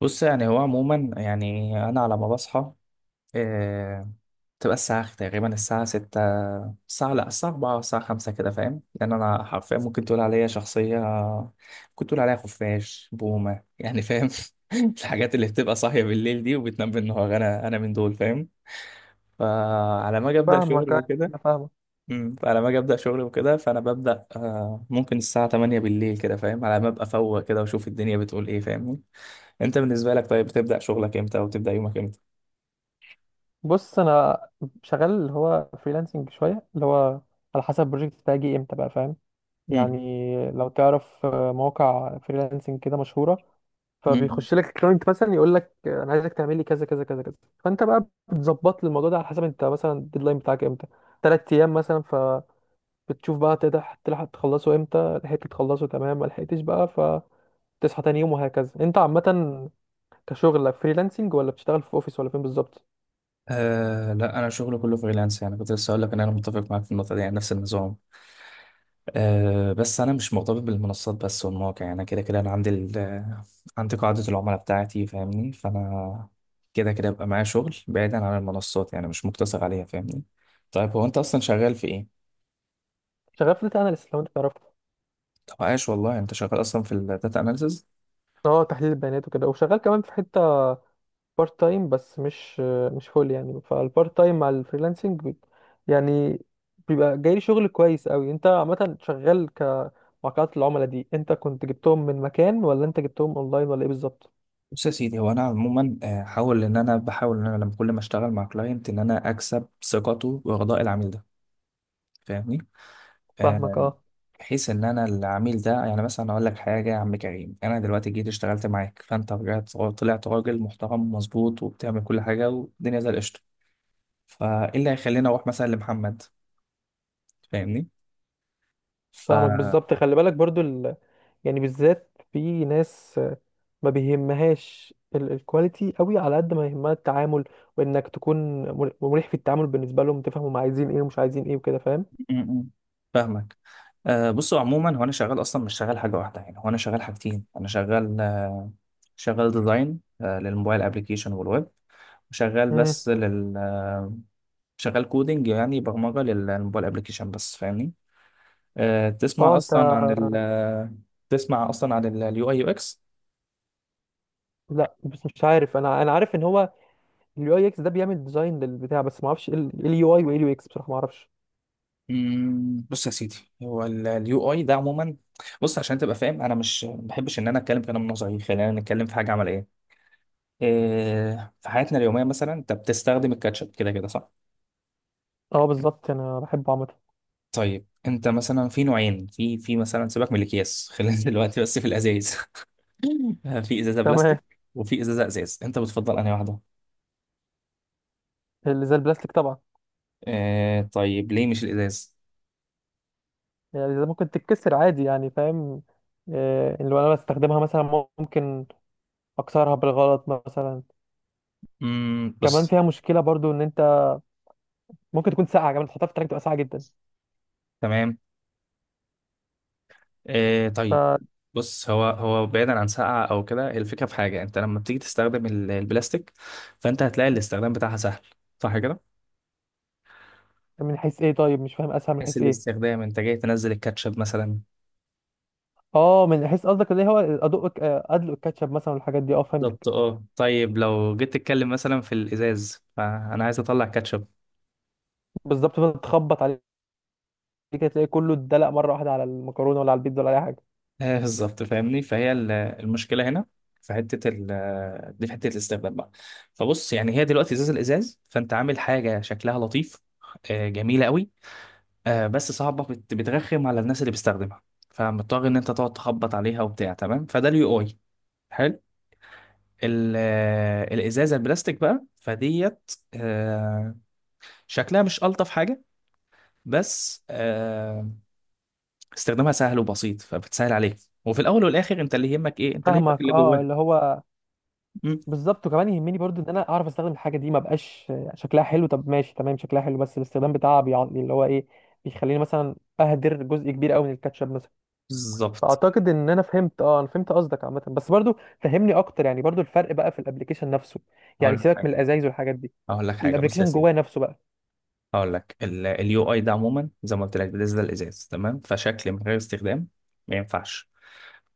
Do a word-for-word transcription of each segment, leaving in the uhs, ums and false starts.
بص يعني هو عموما يعني انا على ما بصحى آه، تبقى الساعه تقريبا الساعه ستة. الساعه لا، الساعه الرابعة الساعه خمسة، كده فاهم؟ لان انا حرفيا ممكن تقول عليا شخصيه كنت تقول عليها خفاش بومه يعني، فاهم؟ الحاجات اللي بتبقى صاحيه بالليل دي وبتنام بالنهار، انا انا من دول فاهم. فعلى ما اجي ابدا شغل فاهمك، أيوة، وكده. انا فاهمك. مم، فعلى ما اجي ابدا شغل وكده، فانا ببدا آه، ممكن الساعه تمانية بالليل كده، فاهم؟ على ما ابقى فوق كده واشوف الدنيا بتقول ايه، فاهمني. انت بالنسبه لك طيب، بتبدا شغلك امتى او بتبدا يومك امتى؟ بص، انا شغال اللي هو فريلانسنج شويه، اللي هو على حسب البروجكت بتاعي يجي امتى بقى، فاهم؟ مم. يعني لو تعرف آه، مواقع فريلانسنج كده مشهوره، مم. فبيخش لك كلاينت مثلا يقول لك آه، انا عايزك تعمل لي كذا كذا كذا كذا. فانت بقى بتظبط لي الموضوع ده على حسب انت مثلا الديدلاين بتاعك امتى، ثلاث ايام مثلا، فبتشوف بقى تقدر تلحق تخلصه امتى. لحقت تخلصه تمام، ما لحقتش بقى فتصحى تاني يوم، وهكذا. انت عامه كشغل فريلانسنج، ولا بتشتغل في اوفيس، ولا فين بالظبط؟ أه لا، انا شغلي كله فريلانس يعني، كنت لسه اقول لك ان انا متفق معاك في النقطه دي، يعني نفس النظام. أه بس انا مش مرتبط بالمنصات بس والمواقع، يعني كده كده انا عندي ال- آه، عندي قاعده العملاء بتاعتي فاهمني، فانا كده كده بقى معايا شغل بعيدا عن المنصات، يعني مش مقتصر عليها فاهمني. طيب هو انت اصلا شغال في ايه؟ شغال في داتا اناليست، لو انت تعرفه. طب عاش والله، انت شغال اصلا في الداتا اناليسز. اه، تحليل البيانات وكده، وشغال كمان في حته بارت تايم، بس مش مش فول يعني. فالبارت تايم مع الفريلانسنج بي- يعني بيبقى جاي لي شغل كويس قوي. انت عامه شغال كمواقعات العملاء دي، انت كنت جبتهم من مكان، ولا انت جبتهم اونلاين، ولا ايه بالظبط؟ بص يا سيدي، هو انا عموما آه، حاول ان انا بحاول ان انا لما كل ما اشتغل مع كلاينت ان انا اكسب ثقته ورضاء العميل ده، فاهمني. فاهمك، آه، اه. بحيث ان انا العميل ده، يعني مثلا اقول لك حاجه، يا عم كريم انا دلوقتي جيت اشتغلت معاك، فانت رجعت طلعت راجل محترم ومظبوط وبتعمل كل حاجه والدنيا زي القشطه، فايه اللي هيخليني اروح مثلا لمحمد؟ فاهمني. ف فاهمك بالظبط. خلي بالك برضو ال... يعني بالذات في ناس ما بيهمهاش ال- الكواليتي قوي على قد ما يهمها التعامل، وانك تكون مر- مريح في التعامل بالنسبه لهم. تفهم هم عايزين ايه ومش عايزين ايه وكده، فاهم؟ م- م. فاهمك. آه بصوا، عموما هو انا شغال اصلا مش شغال حاجه واحده، يعني هو انا شغال حاجتين. انا شغال آه شغال ديزاين آه للموبايل ابلكيشن والويب، وشغال امم. بس لل آه، شغال كودينج، يعني برمجه للموبايل ابلكيشن بس فاهمني. آه، اه، تسمع انت. اصلا عن ال آه، تسمع اصلا عن اليو اي يو اكس؟ لا، بس مش عارف، انا انا عارف ان هو اليو اي اكس ده بيعمل ديزاين للبتاع، بس ما اعرفش ايه اليو اي وايه اليو اكس بصراحه، ما اعرفش. مم، بص يا سيدي، هو اليو اي ده عموما، بص عشان تبقى فاهم، انا مش ما بحبش ان انا اتكلم كلام نظري، خلينا نتكلم في حاجه عمليه. إيه، في حياتنا اليومية مثلا انت بتستخدم الكاتشب كده كده، صح؟ اه بالظبط، انا بحبه عامه. طيب انت مثلا في نوعين، في في مثلا، سيبك من الاكياس، خلينا دلوقتي بس في الازايز. في ازازة تمام. بلاستيك وفي ازازة ازاز، انت بتفضل انهي واحدة؟ اللي زي البلاستيك طبعا. إيه، طيب ليه مش الازاز؟ يعني اللي زي ممكن تتكسر عادي يعني، فاهم؟ آه، اللي انا بستخدمها مثلا ممكن اكسرها بالغلط مثلا. امم، كمان بص. فيها مشكله برضو ان انت ممكن تكون ساقعه، كمان تحطها في التراك تبقى ساقعه جدا. تمام. إيه، ف طيب. بص هو هو بعيدا عن ساقعة او كده، الفكرة في حاجة، انت لما بتيجي تستخدم ال- البلاستيك، فانت هتلاقي الاستخدام بتاعها سهل، صح كده؟ من حيث ايه؟ طيب مش فاهم، اسهل من حيث حيث ايه؟ الاستخدام، انت جاي تنزل الكاتشب مثلا. اه، من حيث قصدك اللي هو ادق آه، ادلق الكاتشب مثلا والحاجات دي، اه بالظبط، فهمتك. اه طيب لو جيت تتكلم مثلا في الازاز، فانا عايز اطلع كاتشب. بالظبط، فضلت تخبط عليه كده تلاقي كله اتدلق مره واحده على المكرونه ولا على البيتزا ولا اي حاجه. آه بالظبط فاهمني، فهي ال- المشكله هنا في حته ال دي، في حته الاستخدام بقى. فبص يعني هي دلوقتي ازاز، الازاز فانت عامل حاجه شكلها لطيف آه جميله قوي، آه بس صعبه، بت- بترخم على الناس اللي بتستخدمها، فمضطر ان انت تقعد تخبط عليها وبتاع، تمام؟ فده اليو اي. حلو. ال- آه، الازازه البلاستيك بقى فديت آه، شكلها مش الطف حاجه، بس آه، استخدامها سهل وبسيط فبتسهل عليك. وفي الاول والاخر انت اللي يهمك ايه؟ انت اللي يهمك فاهمك، اللي اه، جواه. اللي هو مم. بالظبط. وكمان يهمني برضو ان انا اعرف استخدم الحاجه دي. ما بقاش آه، شكلها حلو طب ماشي، تمام شكلها حلو بس الاستخدام بتاعها بيع- اللي هو ايه، بيخليني مثلا اهدر جزء كبير قوي من الكاتشب مثلا. بالظبط. فاعتقد ان انا فهمت. اه، انا فهمت قصدك عامه، بس برضو فهمني اكتر يعني، برضو الفرق بقى في الابليكيشن نفسه. هقول يعني لك سيبك حاجه من الازايز والحاجات دي، هقول لك حاجه بص يا الابلكيشن سيدي، جواه نفسه بقى هقول لك اليو اي ده عموما زي ما قلت لك، ده ده الازاز تمام، فشكل من غير استخدام ما ينفعش.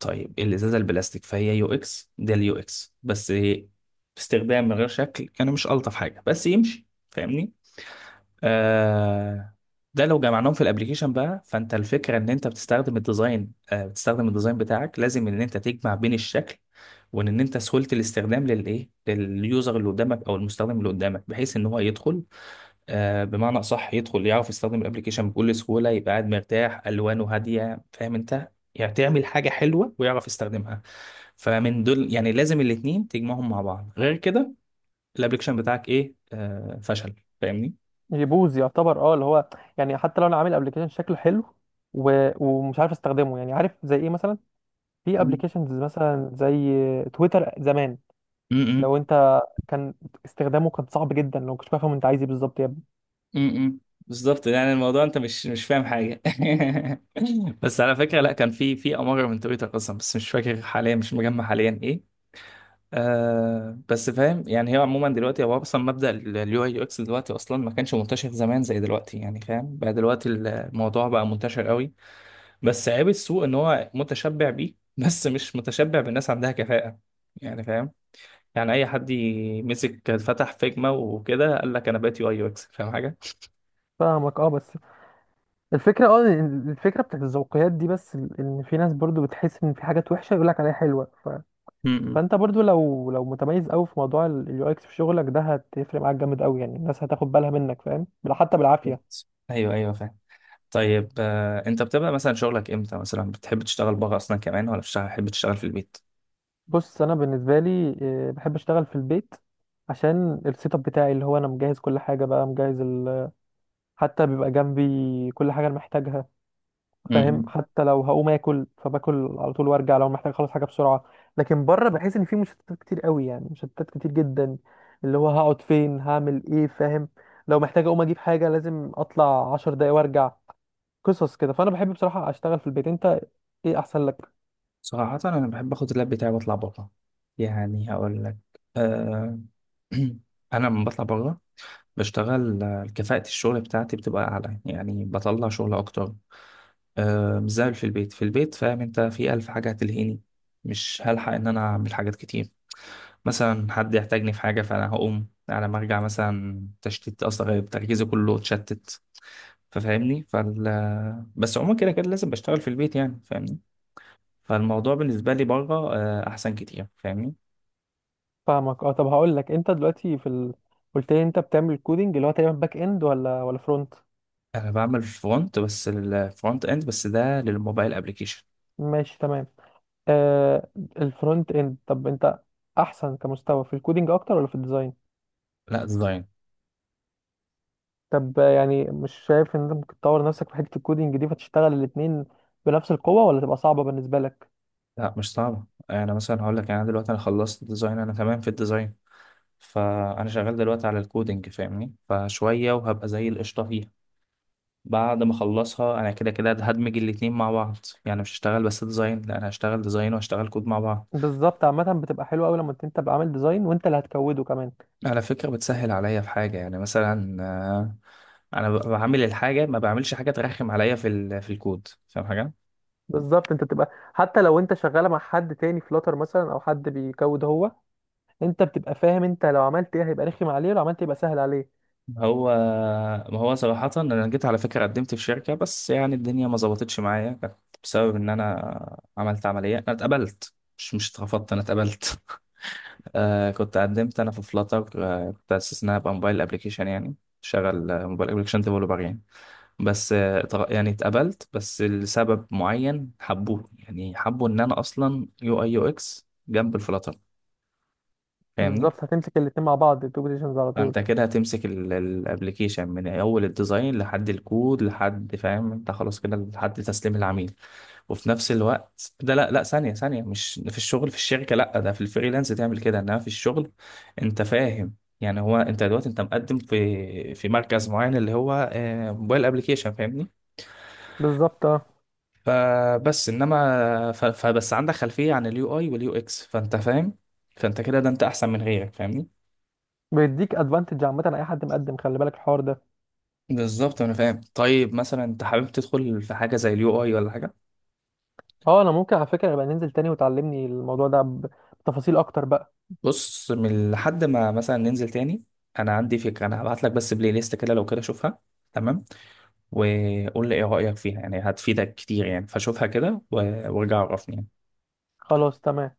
طيب الازازه البلاستيك فهي يو اكس، ده اليو اكس بس استخدام من غير شكل، يعني مش الطف حاجه بس يمشي فاهمني. آه، ده لو جمعناهم في الابليكيشن بقى، فانت الفكره ان انت بتستخدم الديزاين آه بتستخدم الديزاين بتاعك، لازم ان انت تجمع بين الشكل وان إن انت سهوله الاستخدام، للايه؟ لليوزر اللي قدامك او المستخدم اللي قدامك، بحيث ان هو يدخل آه بمعنى اصح يدخل يعرف يستخدم الابليكيشن بكل سهوله، يبقى قاعد مرتاح، الوانه هاديه فاهم انت، يعني تعمل حاجه حلوه ويعرف يستخدمها. فمن دول يعني لازم الاتنين تجمعهم مع بعض، غير كده الابليكيشن بتاعك ايه؟ آه فشل، فاهمني. يبوظ يعتبر، اه، اللي هو يعني حتى لو انا عامل ابلكيشن شكله حلو و... ومش عارف استخدمه. يعني عارف زي ايه مثلا؟ في ابلكيشنز مثلا زي تويتر زمان، لو انت كان استخدامه كان صعب جدا، لو كنتش فاهم انت عايز ايه بالظبط يا ابني. امم. بالظبط، يعني الموضوع انت مش مش فاهم حاجه. بس على فكره لا، كان في في اماره من تويتر اصلا، بس مش فاكر حاليا، مش مجمع حاليا ايه. آه بس فاهم يعني، هي عموما دلوقتي هو اصلا مبدا اليو اي يو اكس دلوقتي اصلا ما كانش منتشر زمان زي دلوقتي، يعني فاهم بقى دلوقتي الموضوع بقى منتشر قوي، بس عيب السوق ان هو متشبع بيه بس مش متشبع بالناس عندها كفاءه، يعني فاهم. يعني اي حد يمسك فتح فيجما وكده قال لك انا بقيت يو اي يو اكس فاهم فاهمك، اه، بس الفكره، اه، إن الفكره بتاعت الذوقيات دي، بس ال- ان في ناس برضو بتحس ان في حاجات وحشه يقول لك عليها حلوه. ف... حاجه. فانت برضو لو لو متميز قوي في موضوع اليو اكس في شغلك ده، هتفرق معاك جامد قوي يعني. الناس هتاخد بالها منك، فاهم؟ بل- حتى بالعافيه. بالظبط. ايوه، ايوه، فاهم. طيب آه، انت بتبقى مثلا شغلك امتى مثلا؟ بتحب تشتغل بره اصلا كمان ولا بتشتغل- بتحب تشتغل في البيت؟ بص، انا بالنسبه لي آه، بحب اشتغل في البيت، عشان السيت اب بتاعي، اللي هو انا مجهز كل حاجه بقى، مجهز ال... حتى بيبقى جنبي كل حاجه انا محتاجها، فاهم؟ امم. حتى لو هقوم اكل فباكل على طول وارجع، لو محتاج اخلص حاجه بسرعه. لكن بره بحس ان في مشتتات كتير قوي يعني، مشتتات كتير جدا، اللي هو هقعد فين، هعمل ايه، فاهم؟ لو محتاج اقوم اجيب حاجه لازم اطلع عشر دقايق وارجع، قصص كده. فانا بحب بصراحه اشتغل في البيت. انت ايه احسن لك؟ صراحة أنا بحب أخد اللاب بتاعي وأطلع بره، يعني هقول لك، أه. أنا لما بطلع بره بشتغل، آه، كفاءة الشغل بتاعتي بتبقى أعلى، يعني بطلع شغل أكتر، أه مش زي في البيت. في البيت فاهم أنت، في ألف حاجة هتلهيني، مش هلحق إن أنا أعمل حاجات كتير. مثلا حد يحتاجني في حاجة، فأنا هقوم، على ما أرجع مثلا تشتيت أصلا، غير تركيزي كله اتشتت، ففاهمني. فال بس عموما كده كده لازم بشتغل في البيت، يعني فاهمني. فالموضوع بالنسبة لي بره آه، أحسن كتير فاهمني. فاهمك، اه. طب هقول لك، انت دلوقتي في ال... قلت لي انت بتعمل كودينج، اللي هو تقريبا باك اند، ولا ولا فرونت؟ أنا بعمل فرونت بس، الفرونت إند بس، ده للموبايل أبلكيشن. ماشي تمام. آه الفرونت اند، طب انت احسن كمستوى في الكودينج اكتر، ولا في الديزاين؟ لا ديزاين. طب آه، يعني مش شايف ان انت ممكن تطور نفسك في حته الكودينج دي، فتشتغل الاتنين بنفس القوه، ولا تبقى صعبه بالنسبه لك؟ لا مش صعبة، أنا مثلا هقول لك يعني، أنا دلوقتي أنا خلصت ديزاين، أنا تمام في الديزاين، فأنا شغال دلوقتي على الكودينج فاهمني، فشوية وهبقى زي القشطة فيها. بعد ما اخلصها انا كده كده هدمج الاتنين مع بعض، يعني مش هشتغل بس ديزاين، لا انا هشتغل ديزاين وهشتغل كود مع بعض. بالظبط، عامه بتبقى حلوه قوي لما انت تبقى عامل ديزاين وانت اللي هتكوده كمان. على فكرة بتسهل عليا في حاجة يعني، مثلا آه، انا ب- بعمل الحاجة، ما بعملش حاجة ترخم عليا في ال- في الكود، فاهم حاجة؟ بالظبط، انت تبقى حتى لو انت شغاله مع حد تاني، فلاتر مثلا، او حد بيكود هو، انت بتبقى فاهم انت لو عملت ايه هيبقى رخم عليه، ولو عملت ايه يبقى سهل عليه. هو ما هو صراحة انا جيت على فكرة قدمت في شركة، بس يعني الدنيا ما ظبطتش معايا، كانت بسبب ان انا عملت عملية. انا اتقبلت، مش مش اترفضت، انا اتقبلت. آه كنت قدمت انا في فلاتر، آه كنت اساس انها ابقى موبايل ابلكيشن يعني، شغل آه، موبايل ابلكيشن ديفلوبر يعني، بس آه اتغ- يعني اتقبلت، بس لسبب معين حبوه، يعني حبوا ان انا اصلا يو اي يو اكس جنب الفلاتر، فاهمني. بالظبط، هتمسك الاتنين مع بعض، التو بوزيشنز على طول. فانت كده هتمسك الابلكيشن من اول الديزاين لحد الكود، لحد فاهم انت، خلاص كده لحد تسليم العميل. وفي نفس الوقت ده لا، لا، ثانية، ثانية، مش في الشغل، في الشركة لا، ده في الفريلانس تعمل كده، انما في الشغل انت فاهم، يعني هو انت دلوقتي انت مقدم في في مركز معين اللي هو آه، موبايل ابلكيشن فاهمني، بالظبط، اه، فبس انما ف- فبس عندك خلفية عن اليو اي واليو اكس، فانت فاهم، فانت كده ده انت احسن من غيرك فاهمني. بيديك ادفانتج عامه على اي حد مقدم، خلي بالك الحوار ده. بالظبط انا فاهم. طيب مثلا انت حابب تدخل في حاجة زي اليو اي ولا حاجة؟ اه، انا ممكن على فكره يبقى ننزل تاني وتعلمني الموضوع ده بتفاصيل اكتر بقى. بص، من لحد ما مثلا ننزل تاني، انا عندي فكرة، انا هبعت لك بس بلاي ليست كده، لو كده شوفها تمام، وقول لي ايه رأيك فيها، يعني هتفيدك كتير يعني، فشوفها كده و- وارجع عرفني يعني. خلاص، تمام.